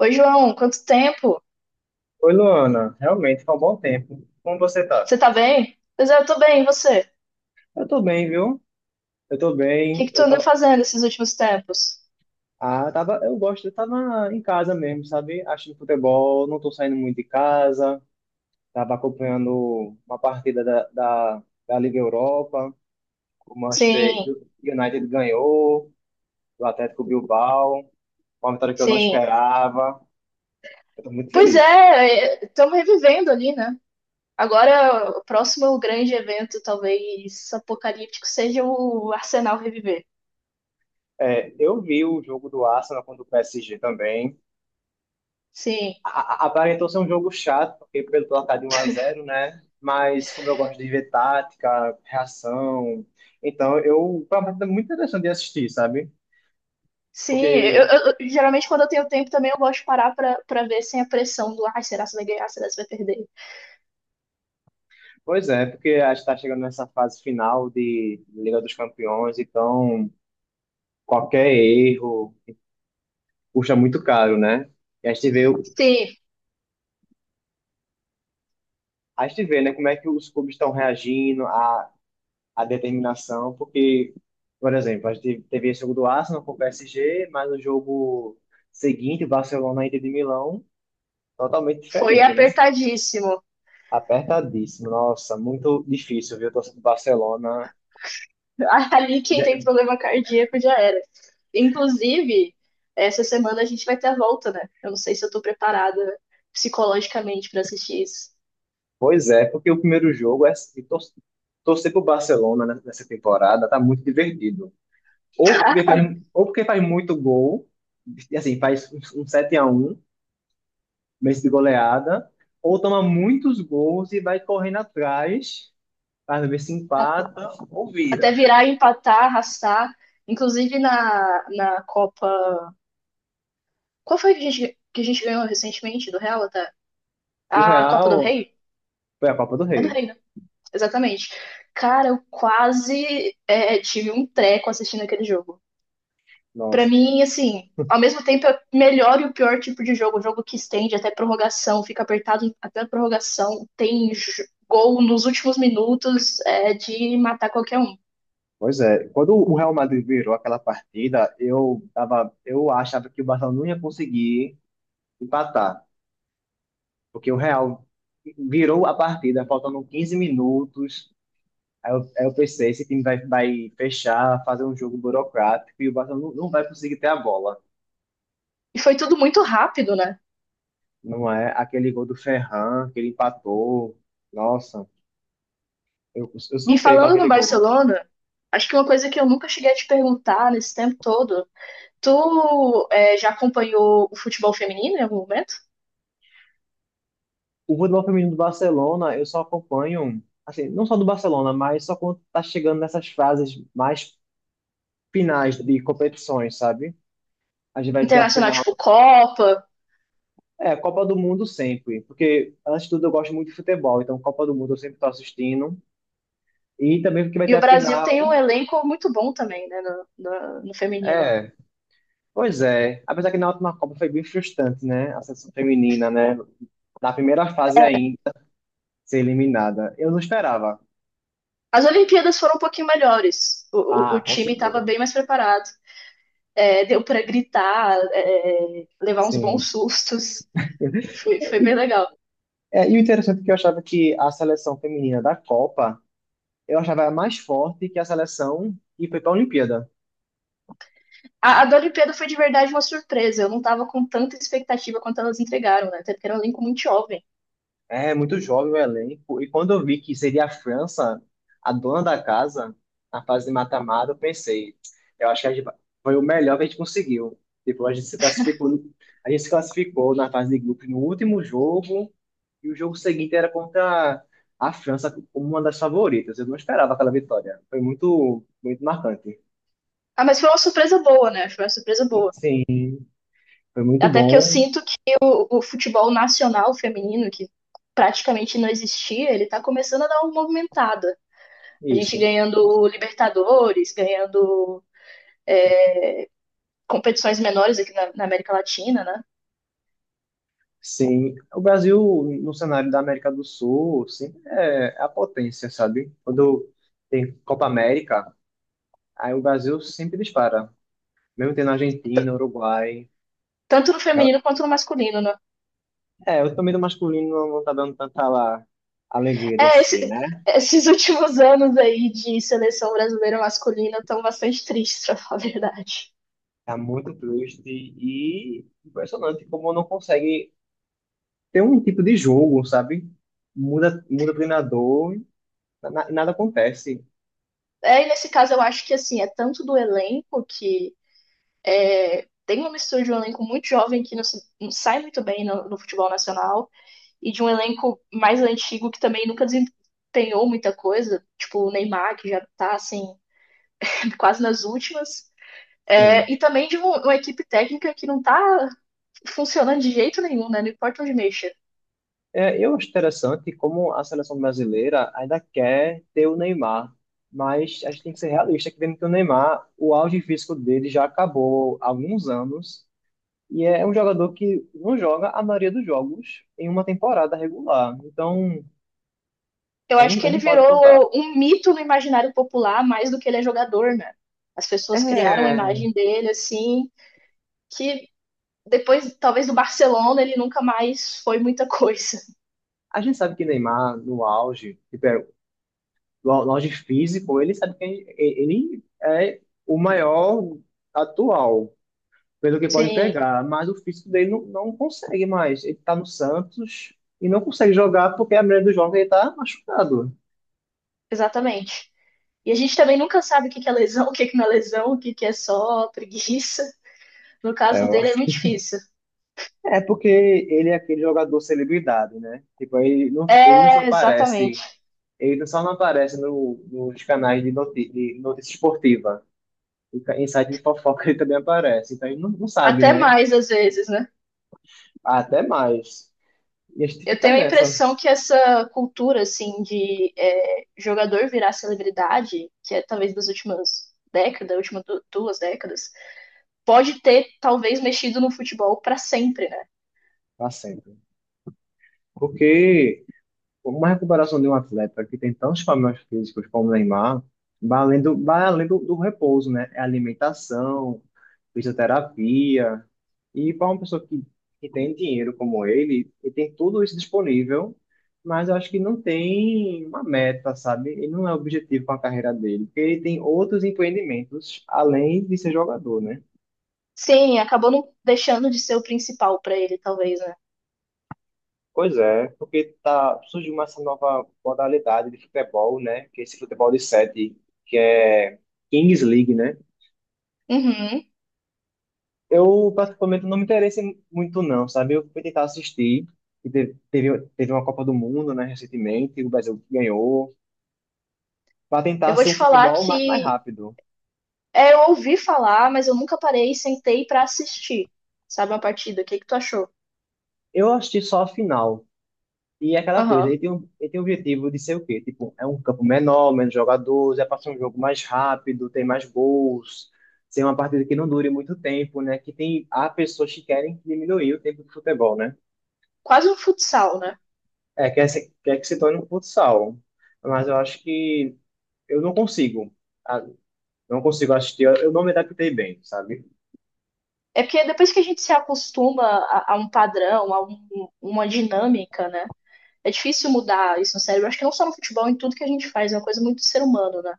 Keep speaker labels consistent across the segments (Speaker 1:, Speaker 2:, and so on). Speaker 1: Oi, João, quanto tempo?
Speaker 2: Oi, Luana. Realmente, foi um bom tempo. Como você tá?
Speaker 1: Você tá bem? Pois é, eu tô bem, e você? O
Speaker 2: Eu tô bem, viu? Eu tô
Speaker 1: que
Speaker 2: bem.
Speaker 1: que tu andou fazendo esses últimos tempos?
Speaker 2: Ah, eu gosto. Eu tava em casa mesmo, sabe? Assistindo futebol, não tô saindo muito de casa. Tava acompanhando uma partida da Liga Europa. O
Speaker 1: Sim,
Speaker 2: Manchester United ganhou, o Atlético Bilbao. Uma vitória que eu não
Speaker 1: sim.
Speaker 2: esperava. Eu tô muito
Speaker 1: Pois
Speaker 2: feliz.
Speaker 1: é, estamos revivendo ali, né? Agora, o próximo grande evento, talvez apocalíptico, seja o Arsenal reviver.
Speaker 2: É, eu vi o jogo do Arsenal contra o PSG também.
Speaker 1: Sim,
Speaker 2: Aparentou ser um jogo chato, porque pelo placar de 1-0, né? Mas como eu gosto de ver tática, reação, então eu foi uma partida muito interessante de assistir, sabe?
Speaker 1: sim.
Speaker 2: Porque,
Speaker 1: Geralmente, quando eu tenho tempo também, eu gosto de parar pra ver sem a pressão do ai, será que você vai ganhar? Será que você vai perder?
Speaker 2: Pois é, porque a gente está chegando nessa fase final de Liga dos Campeões, então qualquer erro custa muito caro, né? E a gente vê,
Speaker 1: Sim,
Speaker 2: a gente vê, né, como é que os clubes estão reagindo, a determinação, porque, por exemplo, a gente teve esse jogo do Arsenal com o PSG, mas o jogo seguinte, Barcelona e Inter de Milão, totalmente
Speaker 1: foi
Speaker 2: diferente, né?
Speaker 1: apertadíssimo.
Speaker 2: Apertadíssimo. Nossa, muito difícil, viu, torcer pro Barcelona.
Speaker 1: Ali quem tem
Speaker 2: É,
Speaker 1: problema cardíaco já era. Inclusive, essa semana a gente vai ter a volta, né? Eu não sei se eu tô preparada psicologicamente pra assistir isso.
Speaker 2: pois é, porque o primeiro jogo é se torcer pro Barcelona, né, nessa temporada, tá muito divertido. Ou porque faz, ou porque faz muito gol, e assim, faz um 7-1 mês de goleada, ou toma muitos gols e vai correndo atrás para ver se
Speaker 1: A-
Speaker 2: empata ou vira.
Speaker 1: Até virar, empatar, arrastar. Inclusive na Copa. Qual foi que que a gente ganhou recentemente do Real até?
Speaker 2: Do
Speaker 1: A Copa do
Speaker 2: Real,
Speaker 1: Rei?
Speaker 2: foi a Copa do
Speaker 1: É do
Speaker 2: Rei.
Speaker 1: Rei, né? Exatamente. Cara, eu quase tive um treco assistindo aquele jogo. Pra
Speaker 2: Nossa.
Speaker 1: mim, assim, ao mesmo tempo é o melhor e o pior tipo de jogo. Jogo que estende até prorrogação, fica apertado até a prorrogação, tem gol nos últimos minutos, é de matar qualquer um.
Speaker 2: Pois é, quando o Real Madrid virou aquela partida, eu tava, eu achava que o Barcelona não ia conseguir empatar, porque o Real virou a partida, faltando 15 minutos. Aí eu pensei, esse time vai, vai fechar, fazer um jogo burocrático e o Barcelona não vai conseguir ter a bola.
Speaker 1: E foi tudo muito rápido, né?
Speaker 2: Não é aquele gol do Ferran, que ele empatou. Nossa, eu
Speaker 1: E
Speaker 2: surtei para
Speaker 1: falando no
Speaker 2: aquele gol.
Speaker 1: Barcelona, acho que uma coisa que eu nunca cheguei a te perguntar nesse tempo todo, tu já acompanhou o futebol feminino em algum momento?
Speaker 2: O futebol feminino do Barcelona, eu só acompanho, assim, não só do Barcelona, mas só quando tá chegando nessas fases mais finais de competições, sabe? A gente vai ter a
Speaker 1: Internacional,
Speaker 2: final.
Speaker 1: tipo Copa?
Speaker 2: É, Copa do Mundo sempre, porque antes de tudo eu gosto muito de futebol, então Copa do Mundo eu sempre tô assistindo. E também porque vai
Speaker 1: E
Speaker 2: ter
Speaker 1: o
Speaker 2: a
Speaker 1: Brasil tem um
Speaker 2: final.
Speaker 1: elenco muito bom também, né, no feminino.
Speaker 2: É, pois é. Apesar que na última Copa foi bem frustrante, né? A seleção feminina, né? Na primeira fase ainda, ser eliminada. Eu não esperava.
Speaker 1: As Olimpíadas foram um pouquinho melhores. O
Speaker 2: Ah, com
Speaker 1: time estava
Speaker 2: certeza.
Speaker 1: bem mais preparado. É, deu para gritar, é, levar uns
Speaker 2: Sim.
Speaker 1: bons sustos. Foi
Speaker 2: E
Speaker 1: bem legal.
Speaker 2: É, e o interessante é que eu achava que a seleção feminina da Copa, eu achava mais forte que a seleção que foi para a Olimpíada.
Speaker 1: A da Olimpíada foi de verdade uma surpresa. Eu não estava com tanta expectativa quanto elas entregaram, né? Até porque era um elenco muito jovem.
Speaker 2: É muito jovem o elenco. E quando eu vi que seria a França, a dona da casa, na fase de mata-mata, eu pensei, eu acho que foi o melhor que a gente conseguiu. Tipo, a gente se classificou, a gente se classificou na fase de grupos no último jogo, e o jogo seguinte era contra a França como uma das favoritas. Eu não esperava aquela vitória. Foi muito, muito marcante.
Speaker 1: Ah, mas foi uma surpresa boa, né? Foi uma surpresa boa.
Speaker 2: Sim, foi muito
Speaker 1: Até que eu
Speaker 2: bom.
Speaker 1: sinto que o futebol nacional feminino, que praticamente não existia, ele está começando a dar uma movimentada. A gente
Speaker 2: Isso,
Speaker 1: ganhando Libertadores, ganhando competições menores aqui na América Latina, né?
Speaker 2: sim. O Brasil, no cenário da América do Sul, sempre é a potência, sabe? Quando tem Copa América, aí o Brasil sempre dispara. Mesmo tendo Argentina, Uruguai.
Speaker 1: Tanto no feminino quanto no masculino, né?
Speaker 2: É, o torneio do masculino não tá dando tanta, lá, alegria de
Speaker 1: É,
Speaker 2: assistir,
Speaker 1: esse,
Speaker 2: né?
Speaker 1: esses últimos anos aí de seleção brasileira masculina estão bastante tristes, pra falar a verdade.
Speaker 2: Tá muito triste e impressionante como não consegue ter um tipo de jogo, sabe? Muda, muda treinador e nada acontece.
Speaker 1: É, e nesse caso eu acho que assim, é tanto do elenco que tem uma mistura de um elenco muito jovem que não, não sai muito bem no futebol nacional e de um elenco mais antigo que também nunca desempenhou muita coisa, tipo o Neymar, que já tá assim, quase nas últimas.
Speaker 2: Sim.
Speaker 1: É, e também de uma equipe técnica que não tá funcionando de jeito nenhum, né? Não importa onde mexa.
Speaker 2: É, eu acho interessante como a seleção brasileira ainda quer ter o Neymar, mas a gente tem que ser realista, que vendo que o Neymar, o auge físico dele já acabou há alguns anos, e é um jogador que não joga a maioria dos jogos em uma temporada regular. Então,
Speaker 1: Eu
Speaker 2: a
Speaker 1: acho
Speaker 2: gente, a
Speaker 1: que
Speaker 2: gente
Speaker 1: ele
Speaker 2: não pode contar.
Speaker 1: virou um mito no imaginário popular mais do que ele é jogador, né? As pessoas criaram a
Speaker 2: É,
Speaker 1: imagem dele assim, que depois, talvez do Barcelona, ele nunca mais foi muita coisa.
Speaker 2: a gente sabe que Neymar, no auge, tipo, é, no auge físico, ele sabe que ele é o maior atual. Pelo que pode
Speaker 1: Sim,
Speaker 2: entregar, mas o físico dele não consegue mais. Ele tá no Santos e não consegue jogar porque a maioria dos jogos ele tá machucado.
Speaker 1: exatamente. E a gente também nunca sabe o que que é lesão, o que que não é lesão, o que que é só preguiça. No
Speaker 2: É,
Speaker 1: caso dele é muito difícil.
Speaker 2: é porque ele é aquele jogador celebridade, né? Tipo, ele não só
Speaker 1: É, exatamente.
Speaker 2: aparece, ele não só não aparece no, nos canais de notícia esportiva. E em site de fofoca ele também aparece, então ele não sabe,
Speaker 1: Até
Speaker 2: né?
Speaker 1: mais às vezes, né?
Speaker 2: Até mais. E a gente
Speaker 1: Eu
Speaker 2: fica
Speaker 1: tenho a
Speaker 2: nessa
Speaker 1: impressão que essa cultura, assim, de jogador virar celebridade, que é talvez das últimas décadas, últimas duas décadas, pode ter talvez mexido no futebol pra sempre, né?
Speaker 2: pra sempre. Porque uma recuperação de um atleta que tem tantos problemas físicos como o Neymar, vai além do repouso, né? É alimentação, fisioterapia. E para uma pessoa que tem dinheiro como ele tem tudo isso disponível, mas eu acho que não tem uma meta, sabe? Ele não é objetivo com a carreira dele, porque ele tem outros empreendimentos além de ser jogador, né?
Speaker 1: Sim, acabou não deixando de ser o principal pra ele, talvez, né?
Speaker 2: Pois é, porque tá, surgiu essa nova modalidade de futebol, né? Que é esse futebol de sete, que é Kings League, né?
Speaker 1: Uhum.
Speaker 2: Eu, particularmente, não me interessei muito, não, sabe? Eu fui tentar assistir, e teve uma Copa do Mundo, né, recentemente, o Brasil ganhou, para
Speaker 1: Eu
Speaker 2: tentar
Speaker 1: vou
Speaker 2: ser
Speaker 1: te
Speaker 2: um
Speaker 1: falar
Speaker 2: futebol mais
Speaker 1: que
Speaker 2: rápido.
Speaker 1: eu ouvi falar, mas eu nunca parei e sentei pra assistir, sabe, uma partida. O que que tu achou?
Speaker 2: Eu assisti só a final, e é aquela coisa,
Speaker 1: Aham.
Speaker 2: ele tem um objetivo de ser o quê? Tipo, é um campo menor, menos jogadores, é para ser um jogo mais rápido, tem mais gols, ser uma partida que não dure muito tempo, né? Que tem, há pessoas que querem diminuir o tempo do futebol, né?
Speaker 1: Quase um futsal, né?
Speaker 2: É, quer, quer que se torne um futsal. Mas eu acho que eu não consigo. ah, Não consigo assistir, eu não me adaptei bem, sabe?
Speaker 1: É porque depois que a gente se acostuma a um padrão, a uma dinâmica, né? É difícil mudar isso no cérebro. Acho que não só no futebol, em tudo que a gente faz. É uma coisa muito do ser humano, né?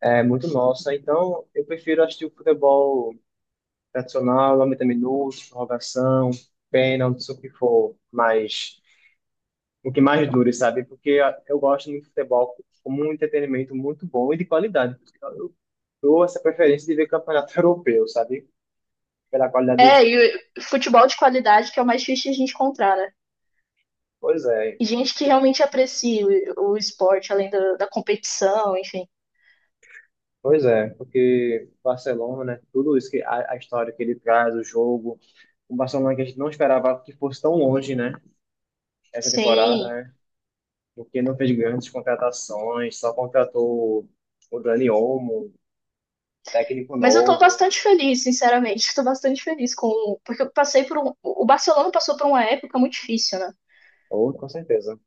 Speaker 2: É muito nossa, então eu prefiro assistir o futebol tradicional, 90 minutos, prorrogação, pênalti, o que for, mas o que mais dure, sabe? Porque eu gosto muito de futebol como um entretenimento muito bom e de qualidade. Por isso que eu dou essa preferência de ver campeonato europeu, sabe? Pela qualidade do
Speaker 1: É, e
Speaker 2: jogo.
Speaker 1: o futebol de qualidade que é o mais difícil de a gente encontrar, né?
Speaker 2: Pois é,
Speaker 1: E gente que realmente aprecia o esporte, além da competição, enfim.
Speaker 2: pois é, porque Barcelona, né? Tudo isso que a história que ele traz, o jogo, o Barcelona que a gente não esperava que fosse tão longe, né? Essa temporada,
Speaker 1: Sim.
Speaker 2: né? Porque não fez grandes contratações, só contratou o Dani Olmo, técnico
Speaker 1: Mas eu tô
Speaker 2: novo.
Speaker 1: bastante feliz, sinceramente. Tô bastante feliz com. Porque eu passei por um. O Barcelona passou por uma época muito difícil, né?
Speaker 2: Ou,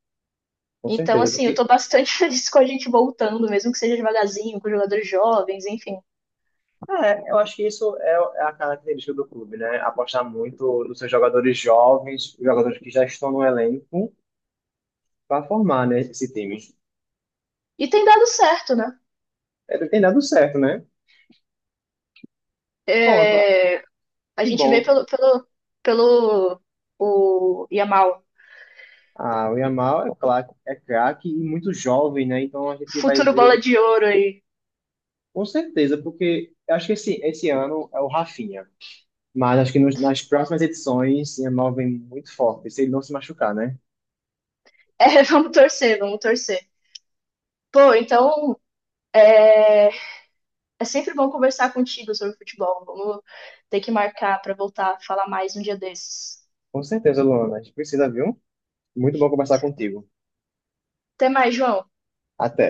Speaker 2: com
Speaker 1: Então,
Speaker 2: certeza,
Speaker 1: assim, eu tô bastante feliz com a gente voltando, mesmo que seja devagarzinho, com jogadores jovens, enfim.
Speaker 2: é, eu acho que isso é a característica do clube, né? Apostar muito nos seus jogadores jovens, jogadores que já estão no elenco, para formar, né, esse time.
Speaker 1: E tem dado certo, né?
Speaker 2: Ele tem dado certo, né? Ponto.
Speaker 1: É, a
Speaker 2: Que
Speaker 1: gente vê
Speaker 2: bom.
Speaker 1: pelo o Yamal,
Speaker 2: Ah, o Yamal é craque e muito jovem, né? Então a gente vai
Speaker 1: futuro
Speaker 2: ver
Speaker 1: bola
Speaker 2: ele,
Speaker 1: de ouro aí.
Speaker 2: com certeza, porque eu acho que esse ano é o Rafinha. Mas acho que nas próximas edições, o Yamal vem muito forte, se ele não se machucar, né?
Speaker 1: É, vamos torcer, vamos torcer. Pô, então é sempre bom conversar contigo sobre futebol. Vamos ter que marcar pra voltar a falar mais um dia desses.
Speaker 2: Com certeza, Luana. A gente precisa, viu? Muito bom conversar contigo.
Speaker 1: Até mais, João.
Speaker 2: Até.